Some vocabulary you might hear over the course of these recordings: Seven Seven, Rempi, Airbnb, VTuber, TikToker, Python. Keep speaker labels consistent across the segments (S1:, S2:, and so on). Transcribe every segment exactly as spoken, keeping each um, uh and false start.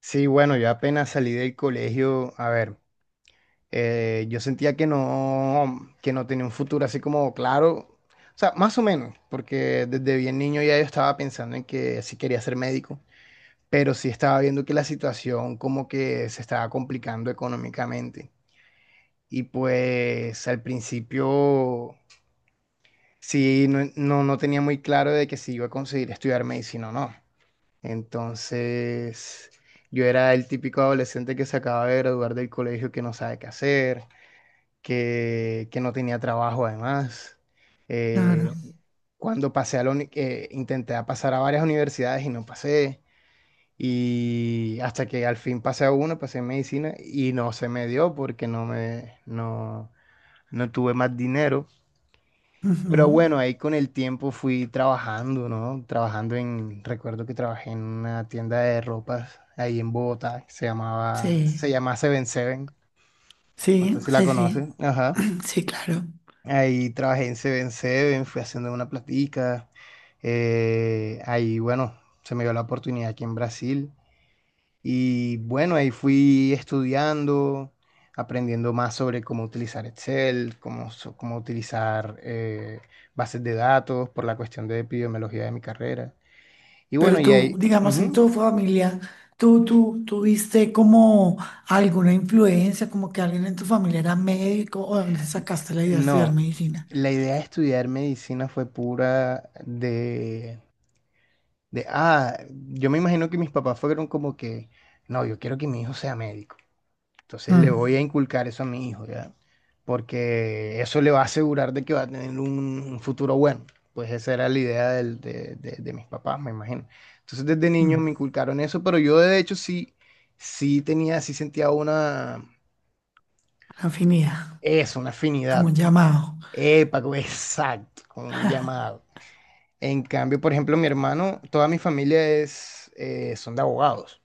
S1: Sí, bueno, yo apenas salí del colegio, a ver, eh, yo sentía que no, que no tenía un futuro así como claro, o sea, más o menos, porque desde bien niño ya yo estaba pensando en que sí quería ser médico, pero sí estaba viendo que la situación como que se estaba complicando económicamente. Y pues al principio sí, no, no, no tenía muy claro de que si iba a conseguir estudiar medicina o no. Entonces, yo era el típico adolescente que se acaba de graduar del colegio, que no sabe qué hacer, que, que no tenía trabajo además.
S2: Claro.
S1: Eh, cuando pasé a la uni- eh, intenté a pasar a varias universidades y no pasé. Y hasta que al fin pasé a una, pasé en medicina y no se me dio porque no me, no, no tuve más dinero. Pero bueno,
S2: Ujú.
S1: ahí con el tiempo fui trabajando, ¿no? Trabajando en, recuerdo que trabajé en una tienda de ropas ahí en Bogotá, que se llamaba,
S2: Sí,
S1: se llama Seven Seven, no sé
S2: sí,
S1: si la
S2: sí, sí.
S1: conoces, ajá.
S2: Sí, claro.
S1: Ahí trabajé en Seven Seven, fui haciendo una platica, eh, ahí bueno, se me dio la oportunidad aquí en Brasil y bueno, ahí fui estudiando, aprendiendo más sobre cómo utilizar Excel, cómo, so- cómo utilizar eh, bases de datos por la cuestión de epidemiología de mi carrera. Y bueno,
S2: Pero
S1: y
S2: tú,
S1: ahí,
S2: digamos, en
S1: ujú.
S2: tu familia, tú, tú, tuviste como alguna influencia, como que alguien en tu familia era médico, o de dónde sacaste la idea de estudiar
S1: No,
S2: medicina.
S1: la idea de estudiar medicina fue pura de, de, ah, yo me imagino que mis papás fueron como que, no, yo quiero que mi hijo sea médico. Entonces le voy
S2: Mm,
S1: a inculcar eso a mi hijo, ¿ya? Porque eso le va a asegurar de que va a tener un, un futuro bueno. Pues esa era la idea del- de, de- de mis papás, me imagino. Entonces desde niño me
S2: mm.
S1: inculcaron eso, pero yo de hecho sí, sí tenía, sí sentía una,
S2: Afinidad,
S1: eso, una
S2: como
S1: afinidad.
S2: un llamado.
S1: Epa, co- exacto, con un llamado. En cambio, por ejemplo, mi hermano, toda mi familia es, eh, son de abogados.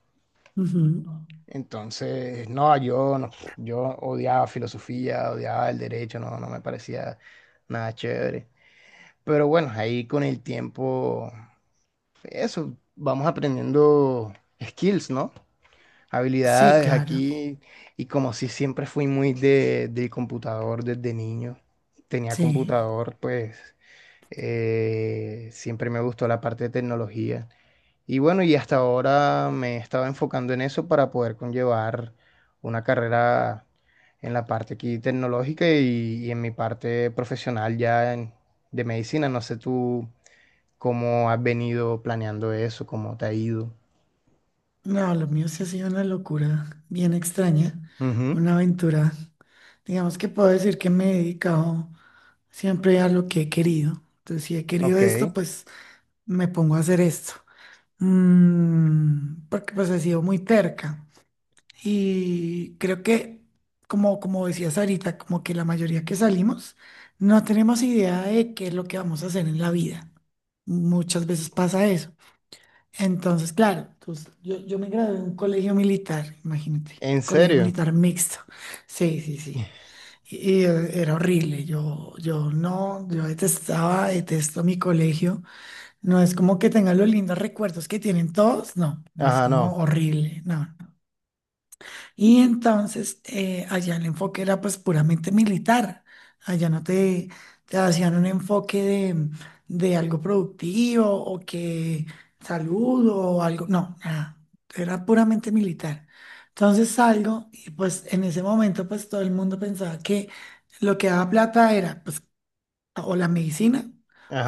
S2: Ujú.
S1: Entonces, no, yo, no, yo odiaba filosofía, odiaba el derecho, no, no me parecía nada chévere. Pero bueno, ahí con el tiempo, eso, vamos aprendiendo skills, ¿no?
S2: Sí,
S1: Habilidades
S2: claro.
S1: aquí. Y como si siempre fui muy de, del computador desde niño, tenía
S2: Sí.
S1: computador, pues eh, siempre me gustó la parte de tecnología. Y bueno, y hasta ahora me estaba enfocando en eso para poder conllevar una carrera en la parte aquí tecnológica y, y en mi parte profesional ya en- de medicina. No sé tú cómo has venido planeando eso, cómo te ha ido.
S2: No, lo mío sí ha sido una locura bien extraña,
S1: Ujú,
S2: una aventura. Digamos que puedo decir que me he dedicado. Siempre hay algo que he querido. Entonces, si he querido
S1: ok.
S2: esto, pues me pongo a hacer esto. Mm, porque pues he sido muy terca. Y creo que, como, como decías ahorita, como que la mayoría que salimos no tenemos idea de qué es lo que vamos a hacer en la vida. Muchas veces pasa eso. Entonces, claro, pues, yo, yo me gradué en un colegio militar, imagínate,
S1: ¿En
S2: colegio
S1: serio?
S2: militar mixto. Sí, sí, sí. Y eh, era horrible, yo, yo no, yo detestaba, detesto mi colegio. No es como que tenga los lindos recuerdos que tienen todos, no, es
S1: Ajá,
S2: como
S1: no.
S2: horrible, no. Y entonces eh, allá el enfoque era pues puramente militar. Allá no te, te hacían un enfoque de, de algo productivo o que salud o algo. No, nada. Era puramente militar. Entonces salgo y pues en ese momento pues todo el mundo pensaba que lo que daba plata era pues o la medicina,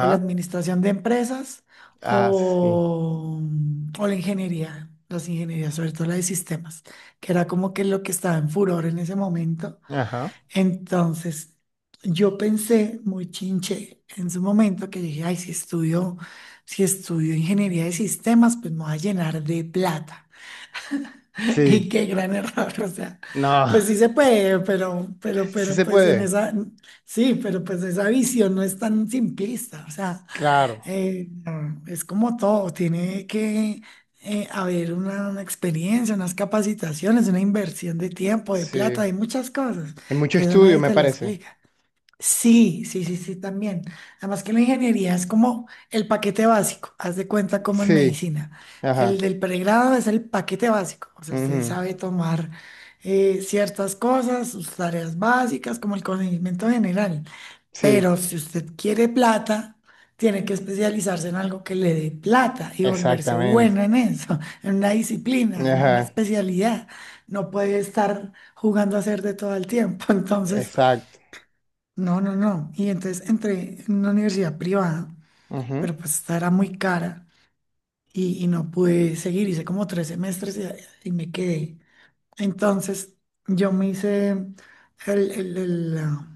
S2: o la administración de empresas,
S1: Ah, sí.
S2: o, o la ingeniería, las ingenierías, sobre todo la de sistemas, que era como que lo que estaba en furor en ese momento.
S1: Ajá.
S2: Entonces, yo pensé muy chinche en su momento que dije, ay, si estudio, si estudio ingeniería de sistemas, pues me voy a llenar de plata.
S1: Sí.
S2: Y qué gran error, o sea,
S1: No.
S2: pues sí se puede, pero, pero,
S1: Sí
S2: pero,
S1: se
S2: pues en
S1: puede.
S2: esa, sí, pero pues esa visión no es tan simplista, o sea,
S1: Claro.
S2: eh, no, es como todo, tiene que eh, haber una, una experiencia, unas capacitaciones, una inversión de tiempo, de
S1: Sí.
S2: plata, hay muchas cosas
S1: Hay mucho
S2: que eso
S1: estudio,
S2: nadie
S1: me
S2: te lo
S1: parece.
S2: explica. Sí, sí, sí, sí, también. Además que la ingeniería es como el paquete básico, haz de cuenta como en
S1: Sí.
S2: medicina. El
S1: Ajá.
S2: del pregrado es el paquete básico, o sea, usted
S1: Ujú.
S2: sabe tomar eh, ciertas cosas, sus tareas básicas, como el conocimiento general.
S1: Sí,
S2: Pero si usted quiere plata, tiene que especializarse en algo que le dé plata y volverse
S1: exactamente.
S2: buena en eso, en una disciplina, en una
S1: Ajá,
S2: especialidad. No puede estar jugando a hacer de todo el tiempo. Entonces...
S1: exacto.
S2: No, no, no. Y entonces entré en una universidad privada,
S1: Ujú,
S2: pero pues esta era muy cara y, y no pude seguir. Hice como tres semestres y, y me quedé. Entonces yo me hice el- el- el, la,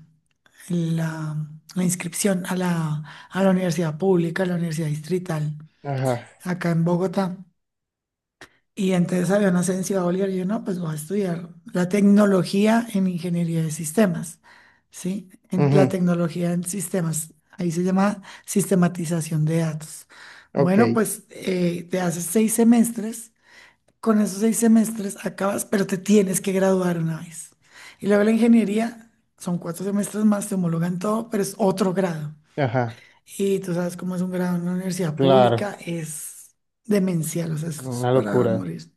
S2: la- la inscripción a la, a la universidad pública, a la universidad distrital,
S1: ajá,
S2: acá en Bogotá. Y entonces había una licenciatura Bolívar, y yo no, pues voy a estudiar la tecnología en ingeniería de sistemas, ¿sí? En la
S1: ujú,
S2: tecnología en sistemas, ahí se llama sistematización de datos.
S1: ok,
S2: Bueno, pues eh, te haces seis semestres, con esos seis semestres acabas, pero te tienes que graduar una vez. Y luego la ingeniería, son cuatro semestres más, te homologan todo, pero es otro grado.
S1: ajá,
S2: Y tú sabes cómo es un grado en una universidad
S1: claro,
S2: pública, es demencial, o sea, esto es
S1: una
S2: para
S1: locura.
S2: morir.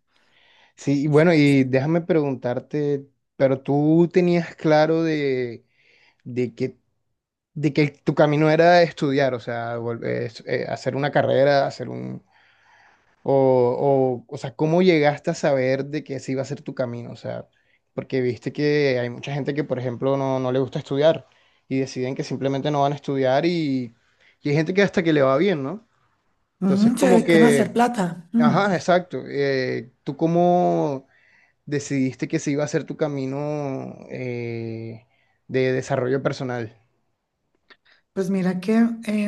S1: Sí, y bueno, y déjame preguntarte, pero tú tenías claro de, de que, de que tu camino era estudiar, o sea, vol- eh, es- eh, hacer una carrera, hacer un, o, o, o sea, ¿cómo llegaste a saber de que ese iba a ser tu camino? O sea, porque viste que hay mucha gente que, por ejemplo, no, no le gusta estudiar y deciden que simplemente no van a estudiar y, y hay gente que hasta que le va bien, ¿no? Entonces,
S2: Mm, se
S1: como sí,
S2: dedican a
S1: es
S2: hacer
S1: que,
S2: plata. Mm.
S1: ajá, exacto. Eh, ¿tú cómo decidiste que ese iba a ser tu camino eh, de desarrollo personal?
S2: Pues mira que eh,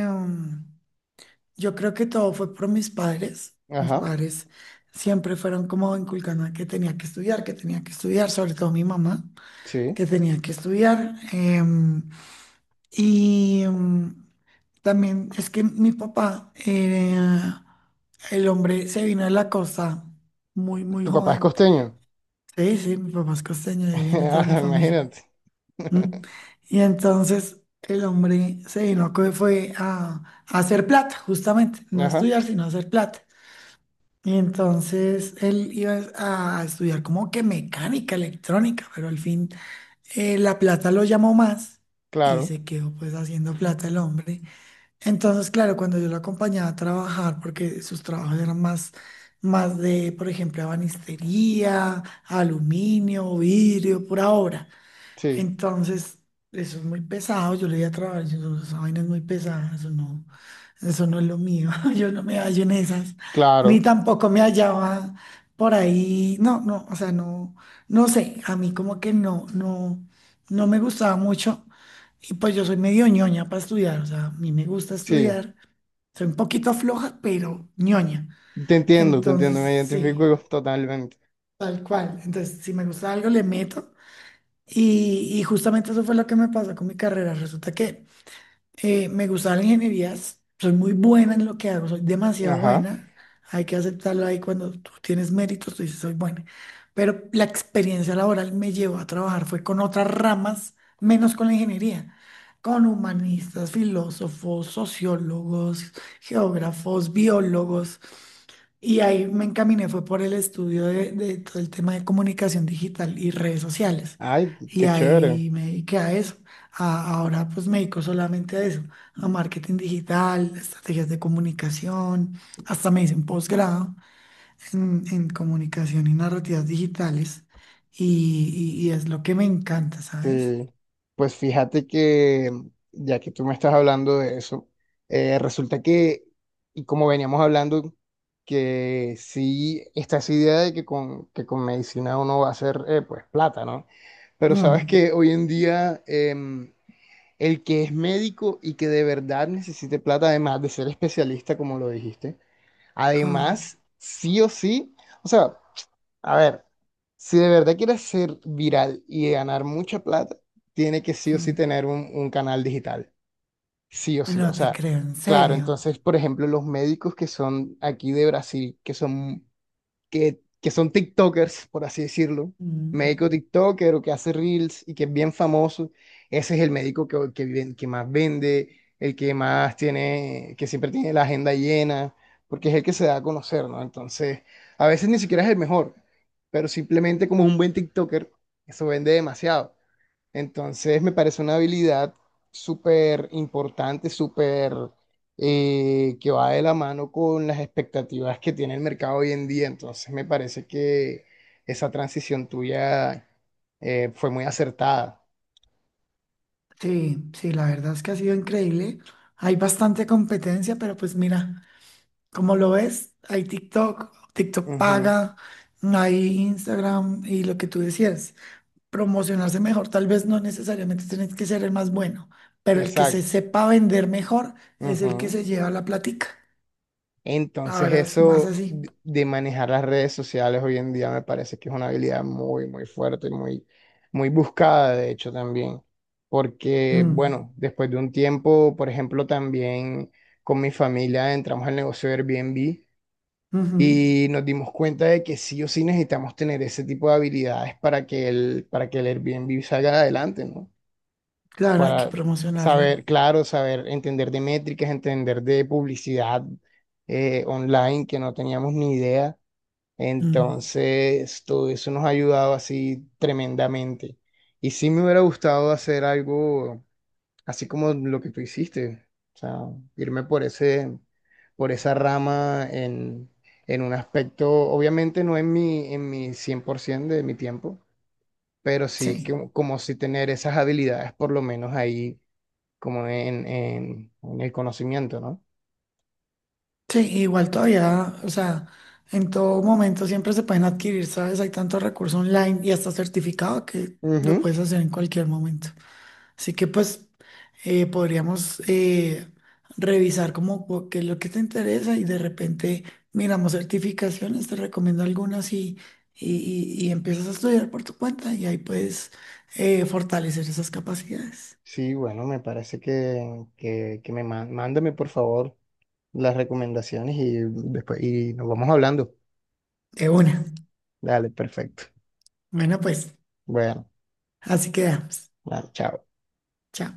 S2: yo creo que todo fue por mis padres. Mis
S1: Ajá,
S2: padres siempre fueron como inculcando que tenía que estudiar, que tenía que estudiar, sobre todo mi mamá,
S1: sí.
S2: que tenía que estudiar. Em, y em, también es que mi papá, eh, el hombre se vino de la costa muy, muy
S1: Tu papá es
S2: joven.
S1: costeño.
S2: Sí, sí, mi papá es costeño, de ahí viene toda mi
S1: Ajá,
S2: familia.
S1: imagínate.
S2: ¿Mm? Y entonces el hombre se vino, que fue a, a hacer plata, justamente, no
S1: Ajá,
S2: estudiar, sino hacer plata. Y entonces él iba a estudiar como que mecánica, electrónica, pero al fin eh, la plata lo llamó más y
S1: claro,
S2: se quedó pues haciendo plata el hombre. Entonces, claro, cuando yo lo acompañaba a trabajar, porque sus trabajos eran más, más de, por ejemplo, ebanistería, aluminio, vidrio, pura obra.
S1: sí,
S2: Entonces, eso es muy pesado, yo le di a trabajar, yo, no- esa vaina es muy pesada, eso no, eso no es lo mío, yo no me hallo en esas, ni
S1: claro.
S2: tampoco me hallaba por ahí, no, no, o sea, no, no sé, a mí como que no, no, no me gustaba mucho, y pues yo soy medio ñoña para estudiar, o sea, a mí me gusta
S1: Sí,
S2: estudiar, soy un poquito floja, pero ñoña,
S1: te entiendo, te
S2: entonces
S1: entiendo, me
S2: sí,
S1: identifico totalmente.
S2: tal cual, entonces si me gusta algo le meto. Y, y justamente eso fue lo que me pasó con mi carrera. Resulta que eh, me gustaban las ingenierías, soy muy buena en lo que hago, soy demasiado
S1: Ajá.
S2: buena. Hay que aceptarlo ahí cuando tú tienes méritos, tú dices, soy buena. Pero la experiencia laboral me llevó a trabajar, fue con otras ramas, menos con la ingeniería, con humanistas, filósofos, sociólogos, geógrafos, biólogos. Y ahí me encaminé, fue por el estudio de, de todo el tema de comunicación digital y redes sociales.
S1: Ay,
S2: Y
S1: qué chévere.
S2: ahí me dediqué a eso. A- ahora pues me dedico solamente a eso, a marketing digital, estrategias de comunicación, hasta me hice un posgrado en, en comunicación y narrativas digitales. Y, y- y es lo que me encanta, ¿sabes?
S1: Sí. Pues fíjate que, ya que tú me estás hablando de eso, eh, resulta que, y como veníamos hablando, que sí, está esa idea de que con, que con medicina uno va a hacer, eh, pues, plata, ¿no? Pero sabes
S2: Mm,
S1: que hoy en día em, el que es médico y que de verdad necesite plata, además de ser especialista, como lo dijiste,
S2: ah,
S1: además, sí o sí, o sea, a ver, si de verdad quieres ser viral y ganar mucha plata, tiene que sí o sí
S2: mm.
S1: tener un, un canal digital, sí o sí, o
S2: No te
S1: sea,
S2: creo, en
S1: claro,
S2: serio.
S1: entonces, por ejemplo, los médicos que son aquí de Brasil, que son que, que son TikTokers, por así decirlo, médico
S2: Mm.
S1: TikToker o que hace Reels y que es bien famoso, ese es el médico que, que, ven- que más vende, el que más tiene, que siempre tiene la agenda llena, porque es el que se da a conocer, ¿no? Entonces, a veces ni siquiera es el mejor, pero simplemente como es un buen TikToker, eso vende demasiado. Entonces me parece una habilidad súper importante, súper eh, que va de la mano con las expectativas que tiene el mercado hoy en día. Entonces me parece que esa transición tuya eh, fue muy acertada.
S2: Sí, sí, la verdad es que ha sido increíble. Hay bastante competencia, pero pues mira, como lo ves, hay TikTok, TikTok
S1: Ujú,
S2: paga, hay Instagram y lo que tú decías, promocionarse mejor, tal vez no necesariamente tienes que ser el más bueno, pero el que se
S1: exacto.
S2: sepa vender mejor es el que
S1: Ujú.
S2: se lleva la platica.
S1: Entonces
S2: Ahora es más
S1: eso
S2: así.
S1: de manejar las redes sociales hoy en día me parece que es una habilidad muy, muy fuerte, muy, muy buscada, de hecho, también. Porque,
S2: Mm,
S1: bueno, después de un tiempo, por ejemplo, también con mi familia entramos al negocio de Airbnb
S2: ujú.
S1: y nos dimos cuenta de que sí o sí necesitamos tener ese tipo de habilidades para que el, para que el Airbnb salga adelante, ¿no?
S2: Claro, hay que
S1: Para
S2: promocionarlo.
S1: saber, claro, saber entender de métricas, entender de publicidad eh, online que no teníamos ni idea.
S2: Mm,
S1: Entonces, todo eso nos ha ayudado así tremendamente. Y sí me hubiera gustado hacer algo así como lo que tú hiciste, o sea, irme por ese, por esa rama en, en un aspecto, obviamente no en mi, en mi cien por ciento de mi tiempo, pero sí
S2: sí.
S1: que, como si tener esas habilidades por lo menos ahí como en, en- en el conocimiento, ¿no?
S2: Sí, igual todavía, o sea, en todo momento siempre se pueden adquirir, ¿sabes? Hay tantos recursos online y hasta certificado que lo
S1: Ujú.
S2: puedes hacer en cualquier momento. Así que pues eh, podríamos eh, revisar como cu- qué es lo que te interesa y de repente miramos certificaciones, te recomiendo algunas y, y, y- y empiezas a estudiar por tu cuenta y ahí puedes eh, fortalecer esas capacidades.
S1: Sí, bueno, me parece que, que, que me ma- mándame por favor las recomendaciones y después y nos vamos hablando.
S2: De una.
S1: Dale, perfecto.
S2: Bueno, pues
S1: Bueno,
S2: así quedamos.
S1: dale, chao.
S2: Chao.